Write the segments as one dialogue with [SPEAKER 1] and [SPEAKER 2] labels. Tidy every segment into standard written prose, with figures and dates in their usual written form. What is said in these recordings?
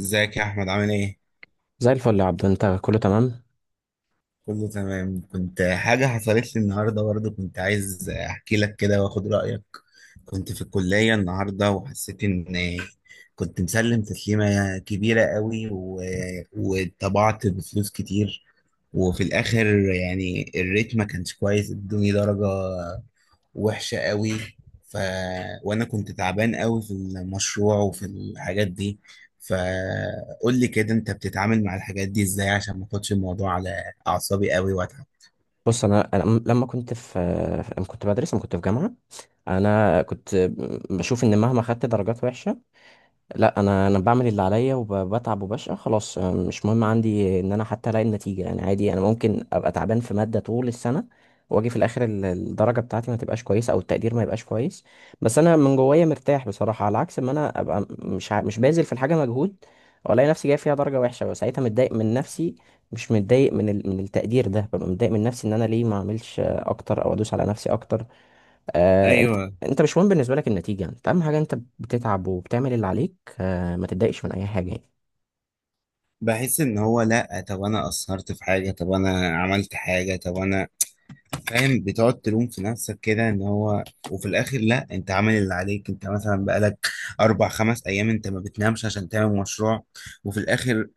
[SPEAKER 1] ازيك يا احمد؟ عامل ايه؟
[SPEAKER 2] زي الفل يا عبد، انت كله تمام؟
[SPEAKER 1] كله تمام. كنت حاجه حصلت لي النهارده برضه، كنت عايز احكي لك كده واخد رايك. كنت في الكليه النهارده وحسيت ان كنت مسلم تسليمه كبيره قوي وطبعت بفلوس كتير، وفي الاخر الريت ما كانش كويس، ادوني درجه وحشة قوي. ف... وأنا كنت تعبان قوي في المشروع وفي الحاجات دي، فقول لي كده، أنت بتتعامل مع الحاجات دي إزاي عشان ما اخدش الموضوع على أعصابي قوي وأتعب؟
[SPEAKER 2] بص، انا لما كنت في جامعه، انا كنت بشوف ان مهما خدت درجات وحشه، لا انا بعمل اللي عليا وبتعب وبشقى خلاص. مش مهم عندي ان انا حتى الاقي النتيجه. يعني عادي، انا ممكن ابقى تعبان في ماده طول السنه واجي في الاخر الدرجه بتاعتي ما تبقاش كويسه او التقدير ما يبقاش كويس، بس انا من جوايا مرتاح بصراحه، على عكس ما انا ابقى مش مش باذل في الحاجه مجهود والاقي نفسي جاي فيها درجه وحشه، وساعتها متضايق من نفسي، مش متضايق من من التقدير ده، ببقى متضايق من نفسي ان انا ليه ما اعملش اكتر او ادوس على نفسي اكتر. آه انت
[SPEAKER 1] أيوه.
[SPEAKER 2] انت مش مهم بالنسبه لك النتيجه، انت اهم حاجه انت بتتعب وبتعمل اللي عليك، ما تتضايقش من اي حاجه يعني.
[SPEAKER 1] بحس إن هو، لأ طب أنا قصرت في حاجة، طب أنا عملت حاجة، طب أنا فاهم، بتقعد تلوم في نفسك كده ان هو، وفي الاخر لا انت عامل اللي عليك، انت مثلا بقالك اربع خمس ايام انت ما بتنامش عشان تعمل مشروع، وفي الاخر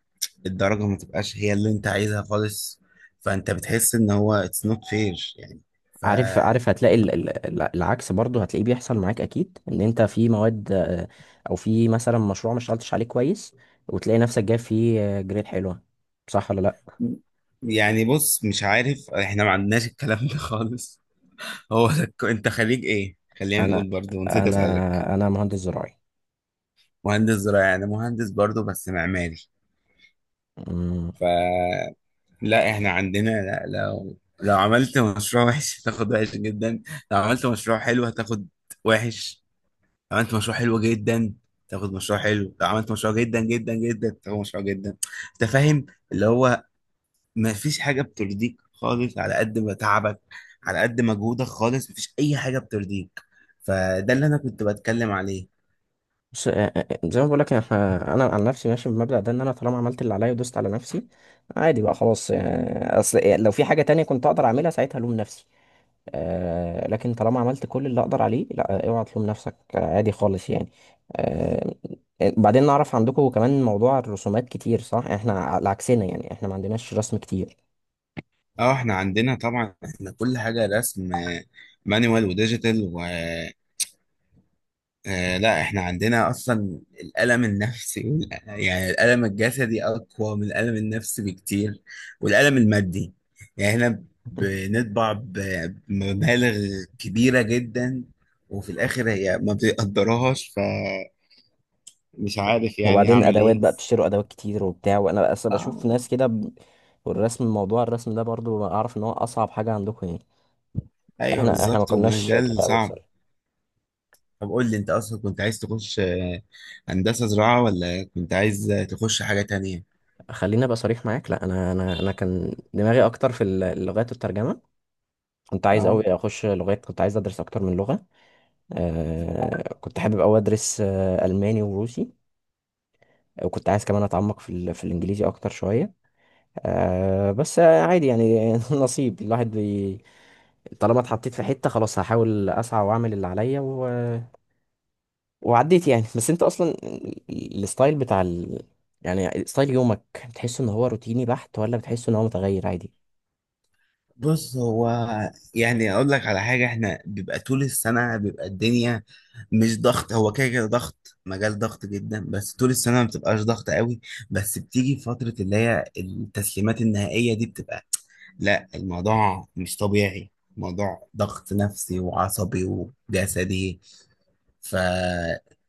[SPEAKER 1] الدرجة ما تبقاش هي اللي انت عايزها خالص، فانت بتحس ان هو it's not fair يعني. ف
[SPEAKER 2] عارف، عارف، هتلاقي العكس برضه هتلاقيه بيحصل معاك اكيد، ان انت في مواد او في مثلا مشروع ما اشتغلتش عليه كويس وتلاقي نفسك جايب فيه جريد حلوه، صح ولا لا؟
[SPEAKER 1] يعني بص، مش عارف، احنا ما عندناش الكلام ده خالص. هو انت خريج ايه؟ خلينا
[SPEAKER 2] انا
[SPEAKER 1] نقول، برضو نسيت اسالك.
[SPEAKER 2] انا مهندس
[SPEAKER 1] مهندس زراعي؟ انا مهندس برضو بس معماري.
[SPEAKER 2] زراعي.
[SPEAKER 1] لا احنا عندنا، لا لو لو عملت مشروع وحش هتاخد وحش جدا، لو عملت مشروع حلو هتاخد وحش، لو عملت مشروع حلو جدا تاخد مشروع حلو، لو عملت مشروع جدا جدا جدا تاخد مشروع جدا. انت فاهم؟ اللي هو ما فيش حاجة بترضيك خالص على قد ما تعبك، على قد مجهودك خالص مفيش اي حاجة بترضيك. فده اللي انا كنت بتكلم عليه.
[SPEAKER 2] بص، زي ما بقول لك، احنا، انا عن نفسي ماشي بالمبدأ ده، ان انا طالما عملت اللي عليا ودوست على نفسي، عادي بقى خلاص. اصل لو في حاجة تانية كنت اقدر اعملها ساعتها الوم نفسي، لكن طالما عملت كل اللي اقدر عليه، لا اوعى تلوم نفسك، عادي خالص يعني. آه، بعدين نعرف، عندكم كمان موضوع الرسومات كتير صح؟ احنا على عكسنا يعني، احنا ما عندناش رسم كتير.
[SPEAKER 1] اه احنا عندنا طبعا، احنا كل حاجة رسم، مانوال وديجيتال. آه لا احنا عندنا اصلا الالم النفسي الالم الجسدي اقوى من الالم النفسي بكتير، والالم المادي. يعني احنا بنطبع بمبالغ كبيرة جدا، وفي الاخر هي ما بتقدرهاش. فمش عارف يعني
[SPEAKER 2] وبعدين
[SPEAKER 1] اعمل
[SPEAKER 2] ادوات
[SPEAKER 1] ايه.
[SPEAKER 2] بقى، بتشتروا ادوات كتير وبتاع، وانا اصلا بشوف
[SPEAKER 1] اه
[SPEAKER 2] ناس كده موضوع الرسم ده برضو، اعرف ان هو اصعب حاجة عندكم يعني.
[SPEAKER 1] ايوه
[SPEAKER 2] احنا، احنا ما
[SPEAKER 1] بالظبط،
[SPEAKER 2] كناش
[SPEAKER 1] ومجال
[SPEAKER 2] كده قوي
[SPEAKER 1] صعب.
[SPEAKER 2] بصراحه.
[SPEAKER 1] طب قول لي، انت اصلا كنت عايز تخش هندسة زراعة ولا كنت عايز تخش حاجة تانية؟
[SPEAKER 2] خليني ابقى صريح معاك، لا انا كان دماغي اكتر في اللغات والترجمه، كنت عايز
[SPEAKER 1] اه.
[SPEAKER 2] قوي اخش لغات، كنت عايز ادرس اكتر من لغه. كنت حابب قوي ادرس الماني وروسي، وكنت عايز كمان اتعمق في في الانجليزي اكتر شويه. بس عادي يعني. نصيب الواحد طالما اتحطيت في حته خلاص، هحاول اسعى واعمل اللي عليا وعديت يعني. بس انت اصلا الستايل بتاع ال... يعني ستايل يومك، بتحس ان هو روتيني بحت ولا بتحس ان هو متغير عادي؟
[SPEAKER 1] بص هو يعني اقول لك على حاجه، احنا بيبقى طول السنه بيبقى الدنيا مش ضغط، هو كده ضغط، مجال ضغط جدا، بس طول السنه ما بتبقاش ضغط قوي، بس بتيجي فتره اللي هي التسليمات النهائيه دي بتبقى، لا الموضوع مش طبيعي، موضوع ضغط نفسي وعصبي وجسدي. فالموضوع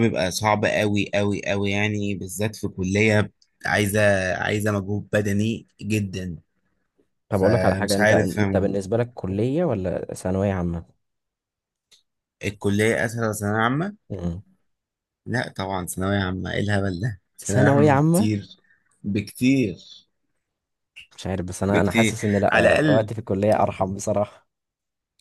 [SPEAKER 1] بيبقى صعب قوي قوي قوي يعني، بالذات في كليه عايزه عايزه مجهود بدني جدا.
[SPEAKER 2] طب اقول لك على حاجه،
[SPEAKER 1] فمش
[SPEAKER 2] انت،
[SPEAKER 1] عارف.
[SPEAKER 2] انت بالنسبه لك كليه ولا ثانويه عامه؟
[SPEAKER 1] الكلية أسهل ولا ثانوية عامة؟
[SPEAKER 2] مم.
[SPEAKER 1] لا طبعا ثانوية عامة، إيه الهبل ده؟ ثانوية
[SPEAKER 2] ثانويه
[SPEAKER 1] عامة
[SPEAKER 2] عامه.
[SPEAKER 1] بكتير، بكتير،
[SPEAKER 2] مش عارف، بس انا
[SPEAKER 1] بكتير.
[SPEAKER 2] حاسس ان
[SPEAKER 1] على
[SPEAKER 2] لا،
[SPEAKER 1] الأقل،
[SPEAKER 2] وقتي في الكليه ارحم بصراحه.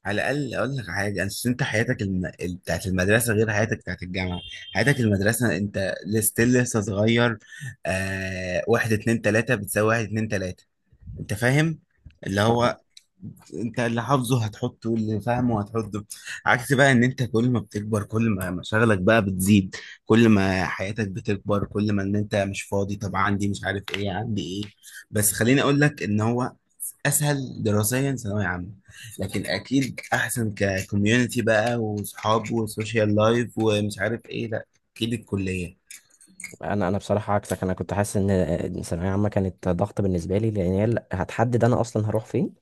[SPEAKER 1] على الأقل أقول لك حاجة، أنت حياتك بتاعت المدرسة غير حياتك بتاعت الجامعة. حياتك المدرسة أنت لستيل لسه صغير، واحد اتنين تلاتة بتساوي واحد اتنين تلاتة. أنت فاهم؟ اللي
[SPEAKER 2] فاهم.
[SPEAKER 1] هو انت اللي حافظه هتحطه واللي فاهمه هتحطه. عكس بقى ان انت كل ما بتكبر كل ما مشاغلك بقى بتزيد، كل ما حياتك بتكبر كل ما ان انت مش فاضي، طب عندي مش عارف ايه، عندي ايه. بس خليني اقول لك ان هو اسهل دراسيا ثانوية عامة، لكن اكيد احسن ككوميونتي بقى وصحاب وسوشيال لايف ومش عارف ايه، لا اكيد الكلية.
[SPEAKER 2] انا بصراحه عكسك، انا كنت حاسس ان ثانويه عامه كانت ضغط بالنسبه لي، لان هي اللي هتحدد انا اصلا هروح فين.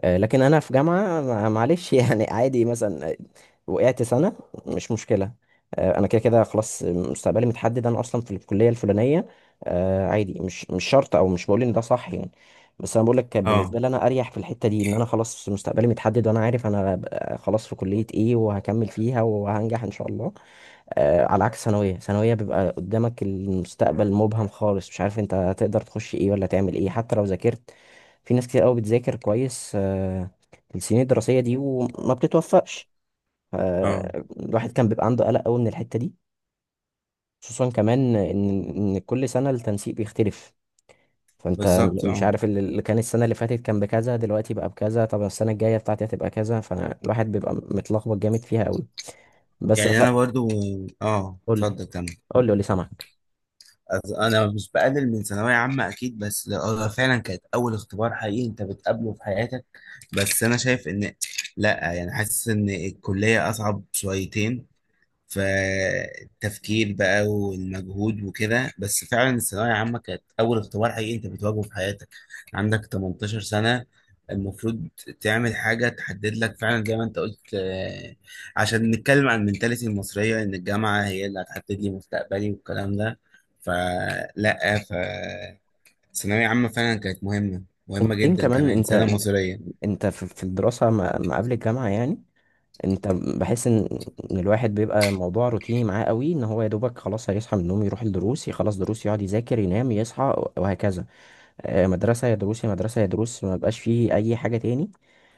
[SPEAKER 2] لكن انا في جامعه، معلش يعني. عادي مثلا وقعت سنه، مش مشكله. انا كده كده خلاص مستقبلي متحدد، انا اصلا في الكليه الفلانيه. عادي، مش شرط، او مش بقول ان ده صح يعني، بس انا بقول لك كان
[SPEAKER 1] اه
[SPEAKER 2] بالنسبه لي انا اريح في الحته دي، ان انا خلاص مستقبلي متحدد، وانا عارف انا خلاص في كليه ايه وهكمل فيها وهنجح ان شاء الله. على عكس ثانوية، بيبقى قدامك المستقبل مبهم خالص، مش عارف انت هتقدر تخش ايه ولا تعمل ايه حتى لو ذاكرت. في ناس كتير قوي بتذاكر كويس السنين الدراسية دي وما بتتوفقش.
[SPEAKER 1] اه
[SPEAKER 2] الواحد كان بيبقى عنده قلق قوي من الحتة دي، خصوصا كمان ان كل سنة التنسيق بيختلف، فانت
[SPEAKER 1] بالظبط،
[SPEAKER 2] مش
[SPEAKER 1] اه.
[SPEAKER 2] عارف اللي كان السنة اللي فاتت كان بكذا، دلوقتي بقى بكذا، طب السنة الجاية بتاعتي هتبقى كذا، فالواحد بيبقى متلخبط جامد فيها قوي. بس
[SPEAKER 1] يعني
[SPEAKER 2] خل...
[SPEAKER 1] انا برضو، اه
[SPEAKER 2] قول لي،
[SPEAKER 1] اتفضل كمل.
[SPEAKER 2] قول لي، قول لي، سامعك.
[SPEAKER 1] انا مش بقلل من ثانويه عامه اكيد، بس لا- هو فعلا كانت اول اختبار حقيقي انت بتقابله في حياتك. بس انا شايف ان، لا يعني حاسس ان الكليه اصعب شويتين، فالتفكير بقى والمجهود وكده، بس فعلا الثانوية عامة كانت أول اختبار حقيقي أنت بتواجهه في حياتك. عندك 18 سنة، المفروض تعمل حاجة تحدد لك فعلا زي ما أنت قلت، عشان نتكلم عن المنتاليتي المصرية إن الجامعة هي اللي هتحدد لي مستقبلي والكلام ده، فلا، فالثانوية عامة فعلا كانت مهمة، مهمة
[SPEAKER 2] وبعدين
[SPEAKER 1] جدا
[SPEAKER 2] كمان،
[SPEAKER 1] كمان
[SPEAKER 2] انت
[SPEAKER 1] سنة مصرية.
[SPEAKER 2] انت في الدراسة ما قبل الجامعة يعني، انت بحس ان الواحد بيبقى الموضوع روتيني معاه قوي، ان هو يا دوبك خلاص هيصحى من النوم، يروح الدروس، يخلص دروس، يقعد يذاكر، ينام، يصحى، وهكذا. مدرسة يا دروس، يا مدرسة يا دروس، ما بقاش فيه اي حاجة تاني.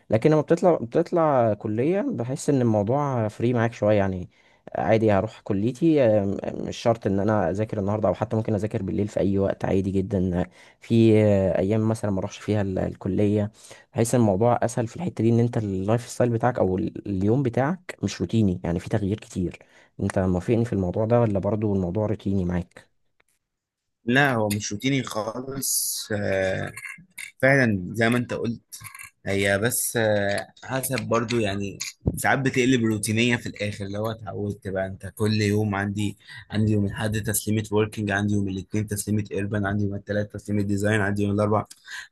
[SPEAKER 2] لكن لما بتطلع كلية، بحس ان الموضوع فري معاك شوية يعني. عادي هروح كليتي، مش شرط ان انا اذاكر النهاردة، او حتى ممكن اذاكر بالليل في اي وقت، عادي جدا. في ايام مثلا ما اروحش فيها الكلية، بحس ان الموضوع اسهل في الحتة دي، ان انت اللايف ستايل بتاعك، او اليوم بتاعك مش روتيني يعني، في تغيير كتير. انت موافقني في الموضوع ده ولا برضو الموضوع روتيني معاك؟
[SPEAKER 1] لا هو مش روتيني خالص، فعلا زي ما انت قلت. هي بس حسب برضو يعني، ساعات بتقلب روتينية في الآخر، اللي هو اتعودت بقى أنت كل يوم، عندي عندي يوم الأحد تسليمة وركينج، عندي يوم الاثنين تسليمة إيربان، عندي يوم الثلاث تسليمة ديزاين، عندي يوم الأربع،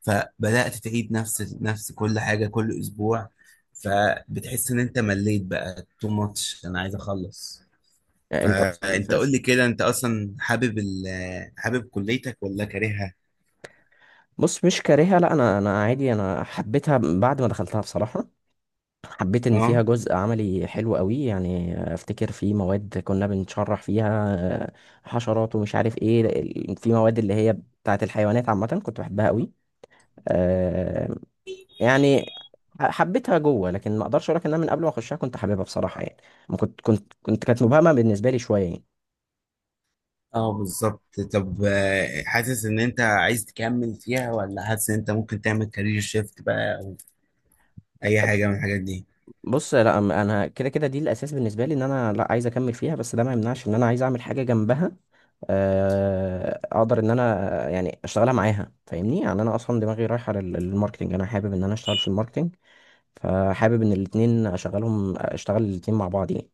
[SPEAKER 1] فبدأت تعيد نفس كل حاجة كل أسبوع، فبتحس إن أنت مليت بقى، تو ماتش أنا عايز أخلص.
[SPEAKER 2] يعني انت اصلا
[SPEAKER 1] فأنت قول لي كده، أنت أصلا حابب حابب كليتك ولا كارهها؟
[SPEAKER 2] بص، مش كارهها، لا، انا، انا عادي، انا حبيتها بعد ما دخلتها بصراحة، حبيت ان فيها جزء عملي حلو قوي يعني. افتكر في مواد كنا بنشرح فيها آه، حشرات ومش عارف ايه في مواد اللي هي بتاعت الحيوانات عامة، كنت بحبها قوي. آه، يعني حبيتها جوه، لكن ما اقدرش اقول لك ان انا من قبل ما اخشها كنت حاببها بصراحة يعني، ما كنت كنت كنت كانت مبهمة بالنسبة لي شوية يعني.
[SPEAKER 1] اه بالظبط. طب حاسس ان انت عايز تكمل فيها ولا حاسس ان انت ممكن تعمل كارير شيفت بقى او اي حاجه من الحاجات دي؟
[SPEAKER 2] بص لا، انا كده كده دي الاساس بالنسبة لي، ان انا لا عايز اكمل فيها، بس ده ما يمنعش ان انا عايز اعمل حاجة جنبها، اقدر ان انا يعني اشتغلها معاها، فاهمني يعني؟ انا اصلا دماغي رايحه للماركتينج، انا حابب ان انا اشتغل في الماركتينج، فحابب ان الاتنين اشغلهم، اشتغل الاتنين مع بعض يعني.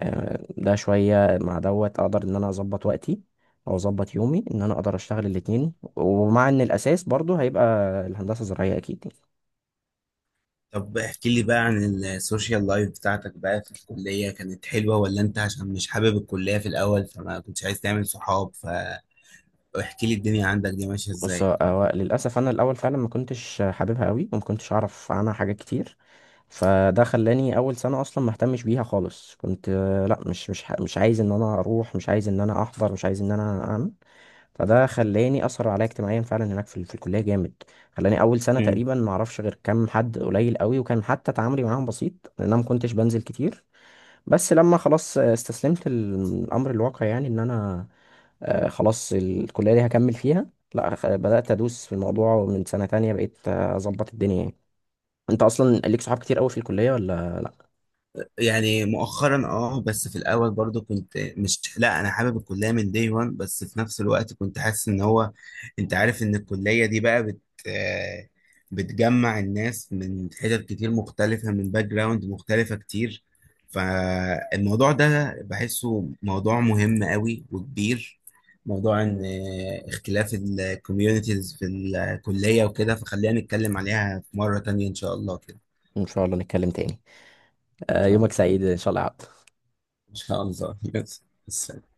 [SPEAKER 2] ده شويه مع دوت اقدر ان انا اظبط وقتي، او اظبط يومي، ان انا اقدر اشتغل الاتنين، ومع ان الاساس برضو هيبقى الهندسه الزراعيه اكيد يعني.
[SPEAKER 1] طب احكي لي بقى عن السوشيال لايف بتاعتك بقى في الكليه، كانت حلوه؟ ولا انت عشان مش حابب الكليه في الاول فما كنتش عايز تعمل صحاب؟ فاحكي لي الدنيا عندك دي ماشيه
[SPEAKER 2] بص،
[SPEAKER 1] ازاي.
[SPEAKER 2] هو للأسف أنا الأول فعلا ما كنتش حاببها قوي وما كنتش أعرف عنها حاجات كتير، فده خلاني أول سنة أصلا ما اهتمش بيها خالص. كنت لا، مش عايز إن أنا أروح، مش عايز إن أنا أحضر، مش عايز إن أنا أعمل، فده خلاني أثر عليا اجتماعيا فعلا هناك في، في الكلية جامد. خلاني أول سنة تقريبا ما أعرفش غير كام حد قليل قوي، وكان حتى تعاملي معاهم بسيط، لأن أنا ما كنتش بنزل كتير. بس لما خلاص استسلمت الامر الواقع يعني، ان انا خلاص الكلية دي هكمل فيها، لا بدأت ادوس في الموضوع، ومن سنة تانية بقيت اظبط الدنيا يعني. انت اصلا ليك صحاب كتير قوي في الكلية ولا لا؟
[SPEAKER 1] يعني مؤخرا اه، بس في الاول برضو كنت مش، لا انا حابب الكليه من دي، وان بس في نفس الوقت كنت حاسس ان هو، انت عارف ان الكليه دي بقى بت آه، بتجمع الناس من حتت كتير مختلفه، من باك جراوند مختلفه كتير. فالموضوع ده بحسه موضوع مهم قوي وكبير، موضوع ان اختلاف الكوميونيتيز في الكليه وكده، فخلينا نتكلم عليها في مره تانية ان شاء الله كده. ان
[SPEAKER 2] ان شاء الله نتكلم تاني.
[SPEAKER 1] شاء
[SPEAKER 2] يومك
[SPEAKER 1] الله.
[SPEAKER 2] سعيد ان شاء الله يا عبد.
[SPEAKER 1] ان شاء الله بس.